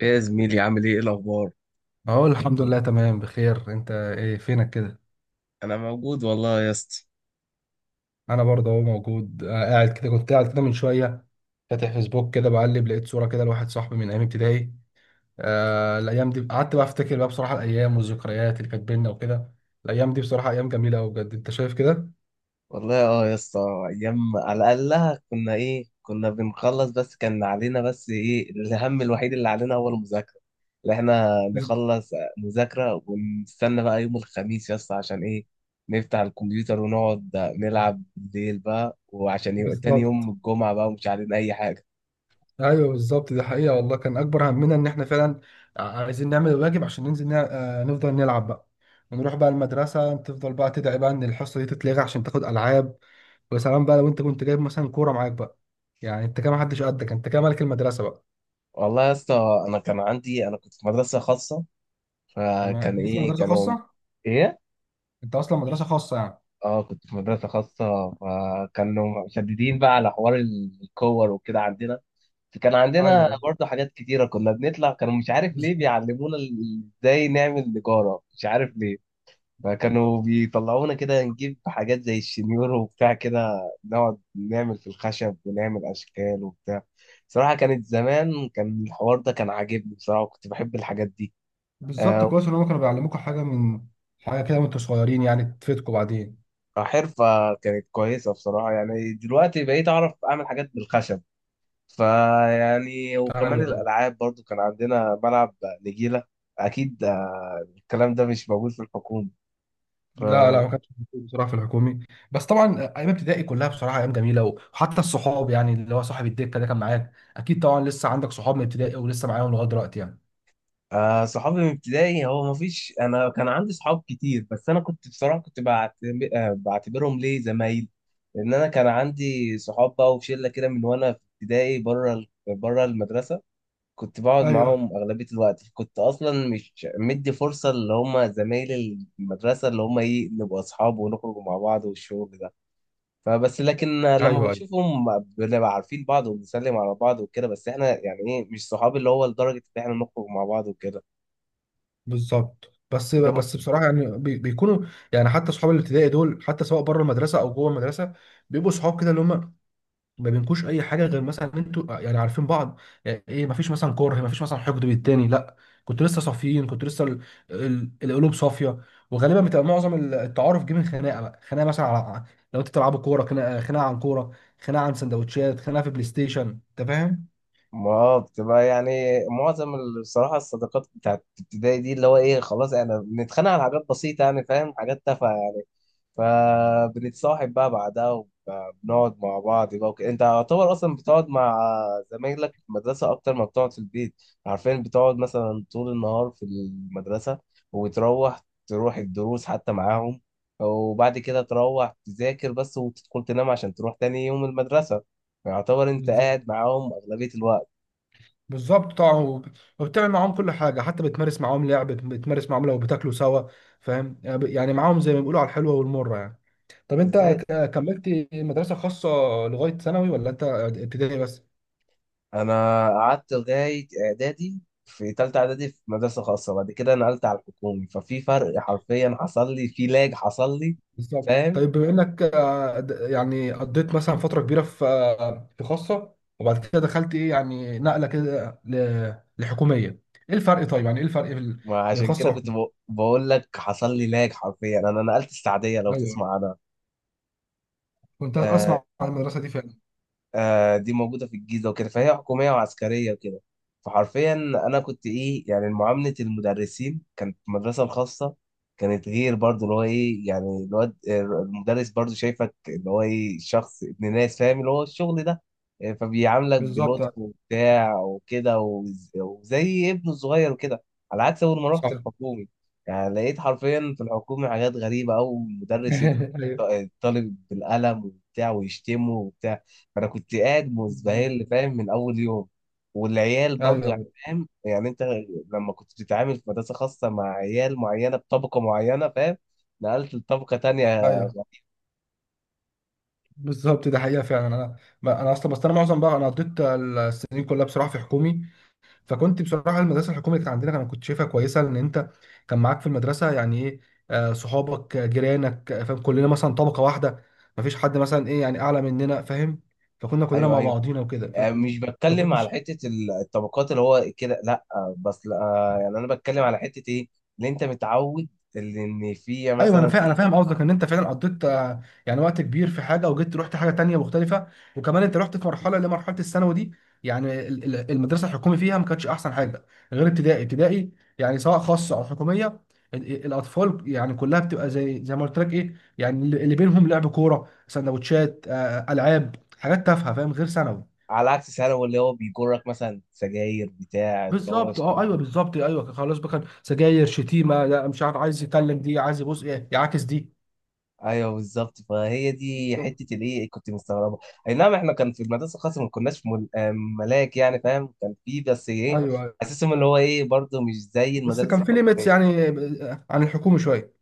ايه يا زميلي؟ عامل ايه؟ الاخبار؟ اهو الحمد لله تمام بخير. انت ايه فينك كده؟ انا موجود والله يا اسطى. انا برضه اهو موجود، قاعد كده. كنت قاعد كده من شويه فاتح فيسبوك كده بقلب، لقيت صوره كده لواحد صاحبي من ايام ابتدائي. آه، الايام دي قعدت بقى افتكر بقى، بصراحه الايام والذكريات اللي كانت بينا وكده. الايام دي بصراحه ايام جميله قوي بجد، انت شايف كده؟ والله اه يا اسطى. ايام، على الاقل كنا كنا بنخلص، بس كان علينا ايه الهم الوحيد اللي علينا هو المذاكره، اللي احنا بز- نخلص مذاكره ونستنى بقى يوم الخميس يا اسطى عشان ايه، نفتح الكمبيوتر ونقعد نلعب بالليل بقى وعشان يبقى تاني يوم بالظبط. الجمعه بقى ومش علينا اي حاجه. ايوه بالظبط، دي حقيقه والله. كان اكبر همنا ان احنا فعلا عايزين نعمل الواجب عشان ننزل نفضل نلعب بقى، ونروح بقى المدرسه تفضل بقى تدعي بقى ان الحصه دي تتلغي عشان تاخد العاب. ويا سلام بقى لو انت كنت جايب مثلا كوره معاك بقى، يعني انت كده ما حدش قدك، انت كده ملك المدرسه بقى. والله يا اسطى، انا كان عندي انا كنت في مدرسه خاصه، تمام، فكان انت اصلا ايه مدرسه كانوا خاصه. ايه. انت اصلا مدرسه خاصه يعني. اه كنت في مدرسة خاصة، فكانوا مشددين بقى على حوار الكور وكده عندنا. فكان عندنا ايوه برضه حاجات كتيرة، كنا بنطلع كانوا مش عارف ليه بالظبط. بيعلمونا ازاي نعمل نجارة، مش عارف ليه. فكانوا بيطلعونا كده نجيب حاجات زي الشنيور وبتاع كده، نقعد نعمل في الخشب ونعمل أشكال وبتاع. صراحة كانت زمان كان الحوار ده كان عاجبني بصراحة، وكنت بحب الحاجات دي. بالظبط، آه، كويس ان هم كانوا بيعلموكوا حاجه من حاجه كده وانتوا صغيرين، يعني تفيدكم بعدين. حرفة كانت كويسة بصراحة، يعني دلوقتي بقيت أعرف أعمل حاجات بالخشب. فيعني ايوه وكمان ايوه. الألعاب برضو، كان عندنا ملعب نجيلة. أكيد الكلام ده مش موجود في الحكومة. ف لا لا، ما كانش موجود بصراحه في الحكومي. بس طبعا ايام ابتدائي كلها بصراحه ايام جميله، وحتى الصحاب، يعني اللي هو صاحب الدكه ده كان معاك اكيد طبعا. لسه عندك صحاب من ابتدائي ولسه معاهم لغايه دلوقتي يعني؟ صحابي من ابتدائي، هو مفيش، أنا كان عندي صحاب كتير بس أنا كنت بصراحة كنت بعتبرهم ليه زمايل. لأن أنا كان عندي صحاب بقى وشلة كده من وأنا في ابتدائي، بره بره المدرسة، كنت بقعد ايوه معاهم أغلبية الوقت، كنت أصلا مش مدي فرصة اللي هم زمايل المدرسة اللي هم إيه نبقى أصحاب ونخرج مع بعض والشغل ده. فبس لكن لما ايوه. بشوفهم بنبقى عارفين بعض وبنسلم على بعض وكده، بس احنا يعني ايه مش صحاب اللي هو لدرجة ان احنا نخرج مع بعض وكده. بالظبط، بس بتبقى- بس بصراحه يعني بيكونوا، يعني حتى صحاب الابتدائي دول حتى سواء بره المدرسه او جوه المدرسه بيبقوا صحاب كده، اللي هم ما بينكوش اي حاجه غير مثلا إن انتوا يعني عارفين بعض. يعني ايه، ما فيش مثلا كره، ما فيش مثلا حقد بالتاني، لا. كنت لسه صافيين، كنت لسه القلوب صافيه. وغالبا بتبقى معظم التعارف جه من خناقه بقى، خناقه مثلا على، لو انتوا بتلعبوا كوره، خناقه عن كوره، خناقه عن سندوتشات، خناقه في بلاي ستيشن، انت فاهم؟ ما آه، بتبقى يعني معظم بصراحة الصداقات بتاعت ابتدائي دي اللي هو ايه، خلاص احنا بنتخانق على حاجات بسيطة يعني فاهم، حاجات تافهة يعني. فبنتصاحب بقى بعدها وبنقعد مع بعض بقى وكده، انت يعتبر اصلا بتقعد مع زمايلك في المدرسه اكتر ما بتقعد في البيت. عارفين بتقعد مثلا طول النهار في المدرسه، تروح الدروس حتى معاهم، وبعد كده تروح تذاكر بس وتدخل تنام عشان تروح تاني يوم المدرسه. فيعتبر انت بالظبط. قاعد معاهم اغلبيه الوقت. بالظبط طبعا، وبتعمل معاهم كل حاجه، حتى بتمارس معاهم لعب، بتمارس معاهم، لو بتاكلوا سوا، فاهم يعني، معاهم زي ما بيقولوا على الحلوه والمره يعني. طب انت ازاي؟ كملت مدرسه خاصه لغايه ثانوي ولا انت ابتدائي بس؟ انا قعدت لغايه اعدادي، في تالتة اعدادي، في مدرسه خاصه، بعد كده نقلت على الحكومي، ففي فرق حرفيا حصل لي، في لاج حصل لي. بالظبط. فاهم، طيب بما انك آه، يعني قضيت مثلا فتره كبيره في في خاصه، وبعد كده دخلت ايه، يعني نقله كده لحكوميه، ايه الفرق؟ طيب يعني ايه الفرق بين وعشان خاصه كده كنت وحكوميه؟ بقول لك حصل لي لاج. حرفيا انا نقلت السعديه، لو ايوه، تسمع عنها. كنت آه، اسمع عن المدرسه دي فعلا. آه دي موجودة في الجيزة وكده، فهي حكومية وعسكرية وكده. فحرفيا أنا كنت إيه، يعني معاملة المدرسين كانت في المدرسة الخاصة كانت غير، برضه اللي هو إيه، يعني الواد المدرس برضه شايفك اللي هو إيه شخص ابن ناس، فاهم اللي هو الشغل ده. فبيعاملك بالظبط. بلطف وبتاع وكده، وزي ابنه الصغير وكده. على عكس أول ما رحت صح. الحكومي، يعني لقيت حرفيا في الحكومي حاجات غريبة أوي، مدرس يضرب ايوه. الطالب بالقلم وبتاع ويشتمه وبتاع. انا كنت قاعد بالظبط. مزبهل فاهم من اول يوم. والعيال برضو يعني ايوه فاهم يعني انت لما كنت بتتعامل في مدرسه خاصه مع عيال معينه بطبقه معينه فاهم، نقلت لطبقه تانية. ايوه. بالظبط، ده حقيقه فعلا. انا، ما انا اصلا، بس انا معظم بقى، انا قضيت السنين كلها بصراحه في حكومي، فكنت بصراحه المدرسه الحكوميه اللي كانت عندنا انا كنت شايفها كويسه، لان انت كان معاك في المدرسه يعني ايه، صحابك، جيرانك، فاهم، كلنا مثلا طبقه واحده، ما فيش حد مثلا ايه يعني اعلى مننا، فاهم؟ فكنا كلنا ايوه مع ايوه، بعضينا وكده. مش بتكلم فكنت، على حته الطبقات اللي هو كده، لا بس لا، يعني انا بتكلم على حته ايه، اللي انت متعود اللي ان في ايوه انا مثلا فاهم، ايه، انا فاهم قصدك ان انت فعلا قضيت يعني وقت كبير في حاجه، وجيت رحت حاجه تانية مختلفه. وكمان انت رحت في مرحله اللي هي مرحله الثانوي دي، يعني المدرسه الحكومي فيها ما كانتش احسن حاجه، غير ابتدائي. ابتدائي يعني سواء خاصه او حكوميه، الاطفال يعني كلها بتبقى زي زي ما قلت لك، ايه يعني، اللي بينهم لعب كوره، سندوتشات، العاب، حاجات تافهه، فاهم، غير ثانوي. على عكس ثانوي اللي هو بيجرك مثلا سجاير بتاع اللي هو بالظبط، اه ايوه الشغل. بالظبط، ايوه خلاص بقى. كان سجاير، شتيمه، لا مش عارف عايز يتكلم دي، عايز يبص ايه يعاكس دي. ايوه بالظبط، فهي دي بالظبط. حته الايه كنت مستغربه. اي نعم، احنا كان في المدرسه الخاصه ما كناش مل... آه، ملاك يعني فاهم، كان في بس ايه، ايوه، اساسهم اللي هو ايه برضه مش زي بس المدارس كان في ليميتس الحكوميه. يعني عن الحكومة شوية.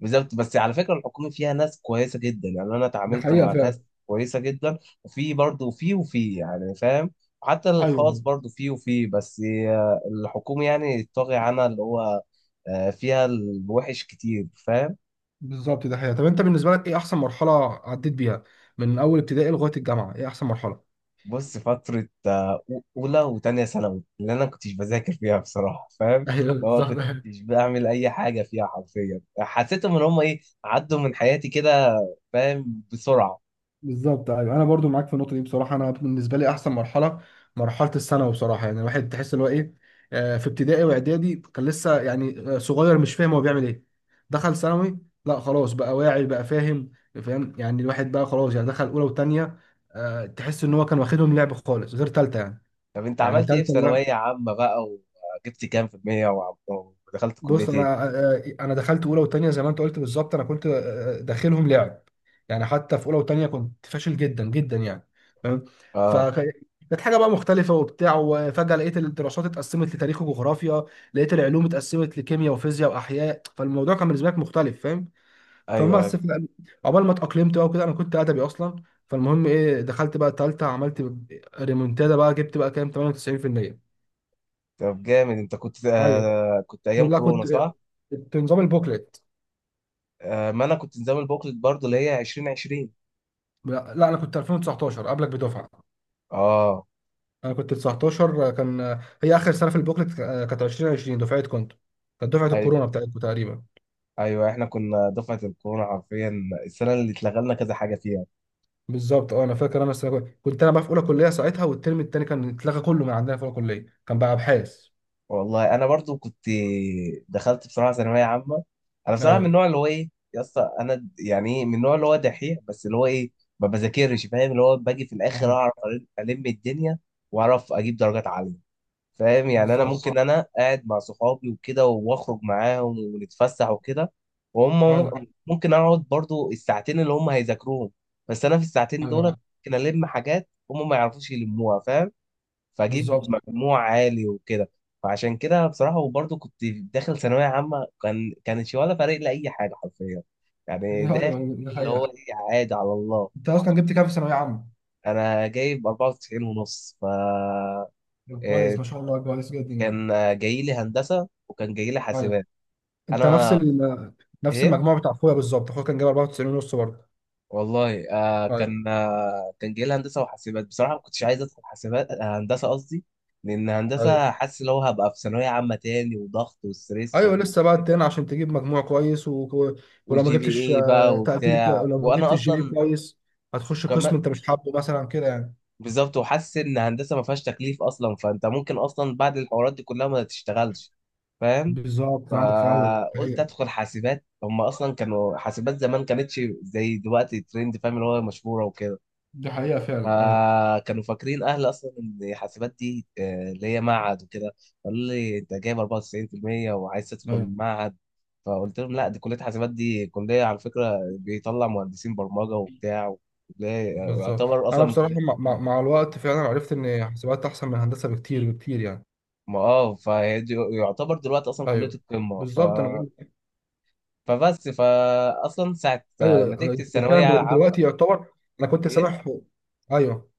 بالظبط، بس على فكره الحكومي فيها ناس كويسه جدا، يعني انا دي اتعاملت حقيقة مع ناس فعلا. كويسه جدا. وفي برضه في وفي يعني فاهم، حتى ايوه، الخاص أيوة، برضه في بس الحكومي يعني طاغي عنها اللي هو فيها الوحش كتير فاهم. بالظبط، ده حقيقة. طب انت بالنسبة لك ايه احسن مرحلة عديت بيها من اول ابتدائي لغاية الجامعة، ايه احسن مرحلة؟ بص، فترة أولى وتانية ثانوي اللي أنا كنتش بذاكر فيها بصراحة فاهم، ايوه اللي هو بالظبط. كنتش بعمل أي حاجة فيها، حرفيا حسيتهم إن هم إيه عدوا من حياتي كده، فاهم، بسرعة. بالظبط. ايوه انا برضو معاك في النقطه دي بصراحه. انا بالنسبه لي احسن مرحله مرحله الثانوي بصراحه، يعني الواحد تحس اللي هو ايه، في ابتدائي واعدادي كان لسه يعني صغير، مش فاهم هو بيعمل ايه. دخل ثانوي، لا خلاص بقى واعي بقى، فاهم، فاهم، يعني الواحد بقى خلاص، يعني دخل اولى وثانيه، تحس ان هو كان واخدهم لعب خالص غير ثالثه يعني. طب أنت يعني عملت إيه في ثالثه، ثانوية عامة بقى؟ وجبت كام في المية ودخلت كلية بص إيه؟ انا انا دخلت اولى وثانيه زي ما انت قلت بالظبط، انا كنت داخلهم لعب، يعني حتى في اولى وثانيه كنت فاشل جدا جدا يعني، فاهم، آه، فكانت حاجه بقى مختلفه وبتاع. وفجاه لقيت الدراسات اتقسمت لتاريخ وجغرافيا، لقيت العلوم اتقسمت لكيمياء وفيزياء واحياء، فالموضوع كان بالنسبه لك مختلف، فاهم، أيوه فبس أيوه. في- عقبال ما اتاقلمت بقى وكده، انا كنت ادبي اصلا. فالمهم ايه، دخلت بقى الثالثه، عملت ريمونتادا بقى، جبت بقى كام؟ 98%. طب جامد، أنت كنت ايوه، آه كنت أيام لا كنت، كورونا صح؟ كنت نظام البوكلت. آه، ما أنا كنت نظام البوكلت برضه، اللي هي 2020. لا لا، انا كنت 2019 قبلك بدفعه. آه. انا كنت 19، كان هي اخر سنه في البوكلت، آه، كانت 2020 دفعه. كنت كانت دفعه الكورونا بتاعتكم تقريبا. ايوه احنا كنا دفعه الكورونا حرفيا، السنه اللي اتلغى لنا كذا حاجه فيها. بالظبط، اه انا فاكر. انا السنه كنت انا بقى في اولى كليه ساعتها، والترم الثاني كان اتلغى كله من عندنا، في اولى كليه كان بقى ابحاث. والله انا برضو كنت، دخلت بصراحه ثانويه عامه، انا بصراحه من ايوه النوع اللي هو ايه يا اسطى، انا يعني ايه، من النوع اللي هو دحيح، بس اللي هو ايه ما بذاكرش فاهم، اللي هو باجي في الاخر ايوه. اعرف الم الدنيا واعرف اجيب درجات عاليه. فاهم يعني انا بالظبط. ممكن بالظبط انا قاعد مع صحابي وكده واخرج معاهم ونتفسح وكده، وهم ايوه ممكن اقعد برضو الساعتين اللي هم هيذاكروهم، بس انا في الساعتين دول ايوه. ممكن الم حاجات هم ما يعرفوش يلموها فاهم، فاجيب بالظبط. مجموع عالي وكده. فعشان كده بصراحة، وبرضو كنت داخل ثانوية عامة كان كانش ولا فارق لي اي حاجة حرفيا، يعني ايوه داخل ايوه، دي اللي هو حقيقه. ايه عادي على الله. انت اصلا جبت كام في ثانويه عامه؟ انا جايب 94 ونص. ف طب آه، كويس، ما شاء الله، كويس جدا يعني. كان جاي لي هندسه وكان جاي لي ايوه. حاسبات. انت نفس انا ال... نفس ايه، المجموع بتاع اخويا بالظبط، اخويا كان جايب 94 ونص برضه. والله آه ايوه كان آه كان جاي لي هندسه وحاسبات، بصراحه ما كنتش عايز ادخل حاسبات هندسه قصدي، لان ايوه. هندسه حاسس لو هبقى في ثانويه عامه تاني وضغط وستريس ايوه وبقى لسه بقى كده. تاني عشان تجيب مجموع كويس و... ولو ما والجي بي جبتش اي بقى تقدير وبتاع، لو ما جبتش وانا جي بي إيه اصلا كويس هتخش قسم وكمان انت مش حابه مثلا كده يعني. بالظبط، وحاسس ان هندسه ما فيهاش تكليف اصلا، فانت ممكن اصلا بعد الحوارات دي كلها ما تشتغلش فاهم. بالظبط، عندك في، ايوه. دي فقلت حقيقة. ادخل حاسبات، هم اصلا كانوا حاسبات زمان كانتش زي دلوقتي ترند فاهم اللي هو مشهوره وكده، دي حقيقة فعلا. ايوه فكانوا فاكرين اهل اصلا ان حاسبات دي اللي هي معهد وكده. قالوا لي انت جايب 94% وعايز تدخل ايوه. معهد، فقلت لهم لا دي كليه حاسبات، دي كليه على فكره بيطلع مهندسين برمجه وبتاع. وكلية- بالظبط، يعتبر اصلا انا من بصراحه كليه، مع الوقت فعلا عرفت ان حسابات احسن من هندسه بكتير بكتير يعني. ما اه فهي يعتبر دلوقتي اصلا كليه ايوه القمه. ف بالظبط. فبس فاصلا ساعه ايوه نتيجتي أنا فعلا الثانويه العامه. دلوقتي يعتبر. انا كنت ايه، سامح، ايوه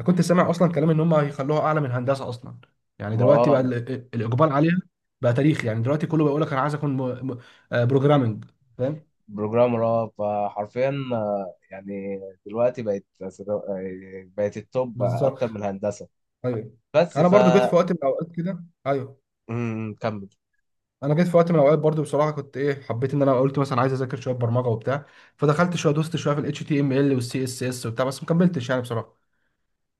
انا كنت سامع اصلا كلام ان هم هيخلوها اعلى من هندسه اصلا، يعني ما دلوقتي بقى اه، الاقبال عليها بقى تاريخ. يعني دلوقتي كله بيقول لك انا عايز اكون م... م... آه، بروجرامنج، فاهم. بروجرامر اه. فحرفيا يعني دلوقتي بقت بقت التوب اكتر بالظبط. من الهندسه. ايوه، بس انا ف برضو جيت في وقت من الاوقات كده، ايوه. امم، كمل. انا جيت في وقت من الاوقات برضو بصراحه كنت ايه، حبيت ان انا قلت مثلا عايز اذاكر شويه برمجه وبتاع، فدخلت شويه، دوست شويه في الاتش تي ام ال والسي اس اس وبتاع، بس ما كملتش يعني بصراحه.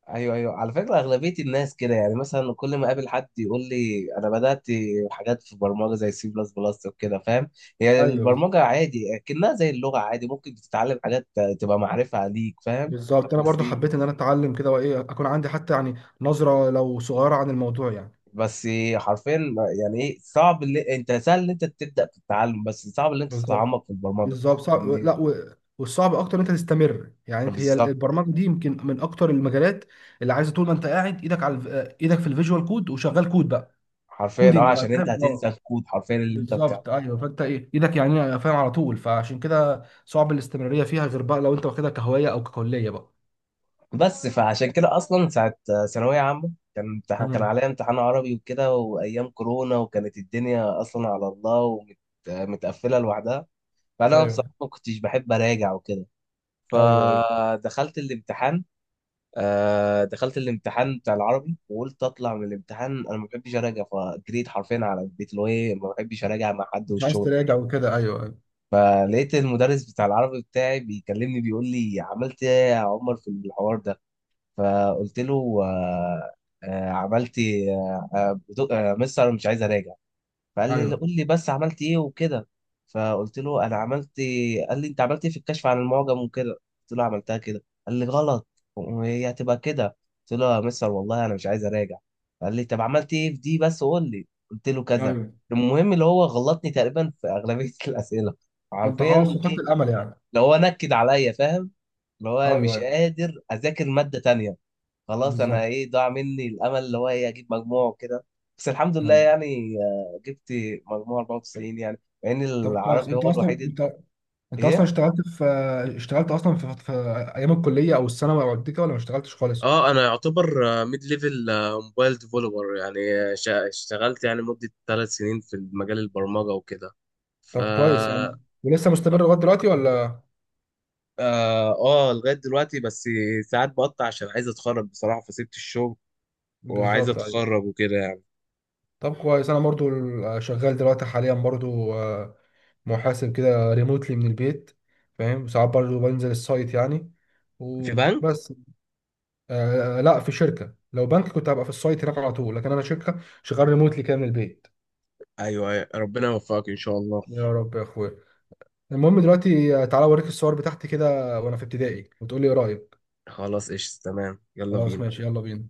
ايوه ايوه، على فكره اغلبيه الناس كده يعني، مثلا كل ما اقابل حد يقول لي انا بدات حاجات في برمجه زي سي بلس بلس وكده فاهم، يعني ايوه، البرمجه عادي اكنها زي اللغه عادي ممكن تتعلم حاجات تبقى معرفه ليك فاهم. بالظبط. بالظبط، انا بس برضو حبيت ان انا اتعلم كده، وايه اكون عندي حتى يعني نظره لو صغيره عن الموضوع يعني. بس حرفيا يعني ايه صعب، اللي انت سهل ان انت تبدا في التعلم بس صعب ان انت بالظبط. تتعمق في البرمجه. بالظبط صعب، إن- لا و... والصعب اكتر ان انت تستمر، يعني انت هي بالظبط البرمجه دي يمكن من اكتر المجالات اللي عايزه طول ما انت قاعد ايدك على ايدك في الفيجوال كود وشغال كود بقى، حرفيا اه، كودنج بقى، عشان انت فاهم، هتنسى اه. الكود حرفيا اللي انت بتاعه. بالظبط ايوه، فانت ايه ايدك يعني، فاهم، على طول، فعشان كده صعب الاستمراريه فيها غير بقى لو انت واخدها كهوايه او ككليه بقى. بس فعشان كده اصلا ساعه ثانويه عامه كان امتحان، كان مم. عليا امتحان عربي وكده، وايام كورونا وكانت الدنيا اصلا على الله ومتقفله لوحدها، فانا بصراحه ايوه ما كنتش بحب اراجع وكده، ايوه. ايوه فدخلت الامتحان. آه دخلت الامتحان بتاع العربي، وقلت اطلع من الامتحان انا ما بحبش اراجع، فجريت حرفيا على البيت اللي هو ايه ما بحبش اراجع مع حد مش عايز والشغل ده. تراجع وكده، ايوه ايوه. فلقيت المدرس بتاع العربي بتاعي بيكلمني بيقول لي عملت ايه يا عمر في الحوار ده، فقلت له آه آه عملت إيه؟ مستر أنا مش عايز اراجع. فقال ايوه لي قول لي بس عملت ايه وكده، فقلت له انا عملت. قال لي انت عملت ايه في الكشف عن المعجم وكده، قلت له عملتها كده، قال لي غلط وهي هتبقى كده، قلت له يا مستر والله انا مش عايز اراجع. قال لي طب عملت ايه في دي بس قول لي، قلت له كذا. ايوه. المهم اللي هو غلطني تقريبا في اغلبيه الاسئله فانت حرفيا. خلاص فقدت ايه، الامل يعني. اللي هو نكد عليا فاهم، اللي هو ايوه مش ايوه. قادر اذاكر ماده تانية، خلاص انا بالظبط. ايه ضاع مني الامل اللي هو ايه اجيب مجموع وكده. بس الحمد لله ايوه. يعني جبت مجموع 94 يعني، مع ان طب كويس، العربي انت هو اصلا الوحيد. انت، انت اصلا ايه، اشتغلت في، اشتغلت اصلا في ايام الكليه او الثانوي او كده، ولا ما اشتغلتش خالص؟ اه انا يعتبر ميد ليفل موبايل ديفلوبر يعني، اشتغلت يعني مدة 3 سنين في مجال البرمجة وكده. ف طب كويس يعني، ولسه مستمر اه لغايه دلوقتي ولا؟ آه، لغاية دلوقتي، بس ساعات بقطع عشان عايز اتخرج بصراحة، فسبت الشغل وعايز بالظبط. ايوه. اتخرج وكده يعني. طب كويس، انا برضو شغال دلوقتي حاليا برضو محاسب كده ريموتلي من البيت، فاهم، ساعات برضو بنزل السايت يعني، في بنك؟ وبس. آه لا، في شركه. لو بنك كنت هبقى في السايت هناك على طول، لكن انا شركه، شغال ريموتلي كده من البيت. ايوه أيوة، ربنا يوفقك ان شاء الله. يا رب يا اخويا. المهم دلوقتي، تعالى اوريك الصور بتاعتي كده وانا في ابتدائي، وتقول لي ايه رايك. خلاص ايش تمام، يلا خلاص بينا. ماشي، يلا بينا.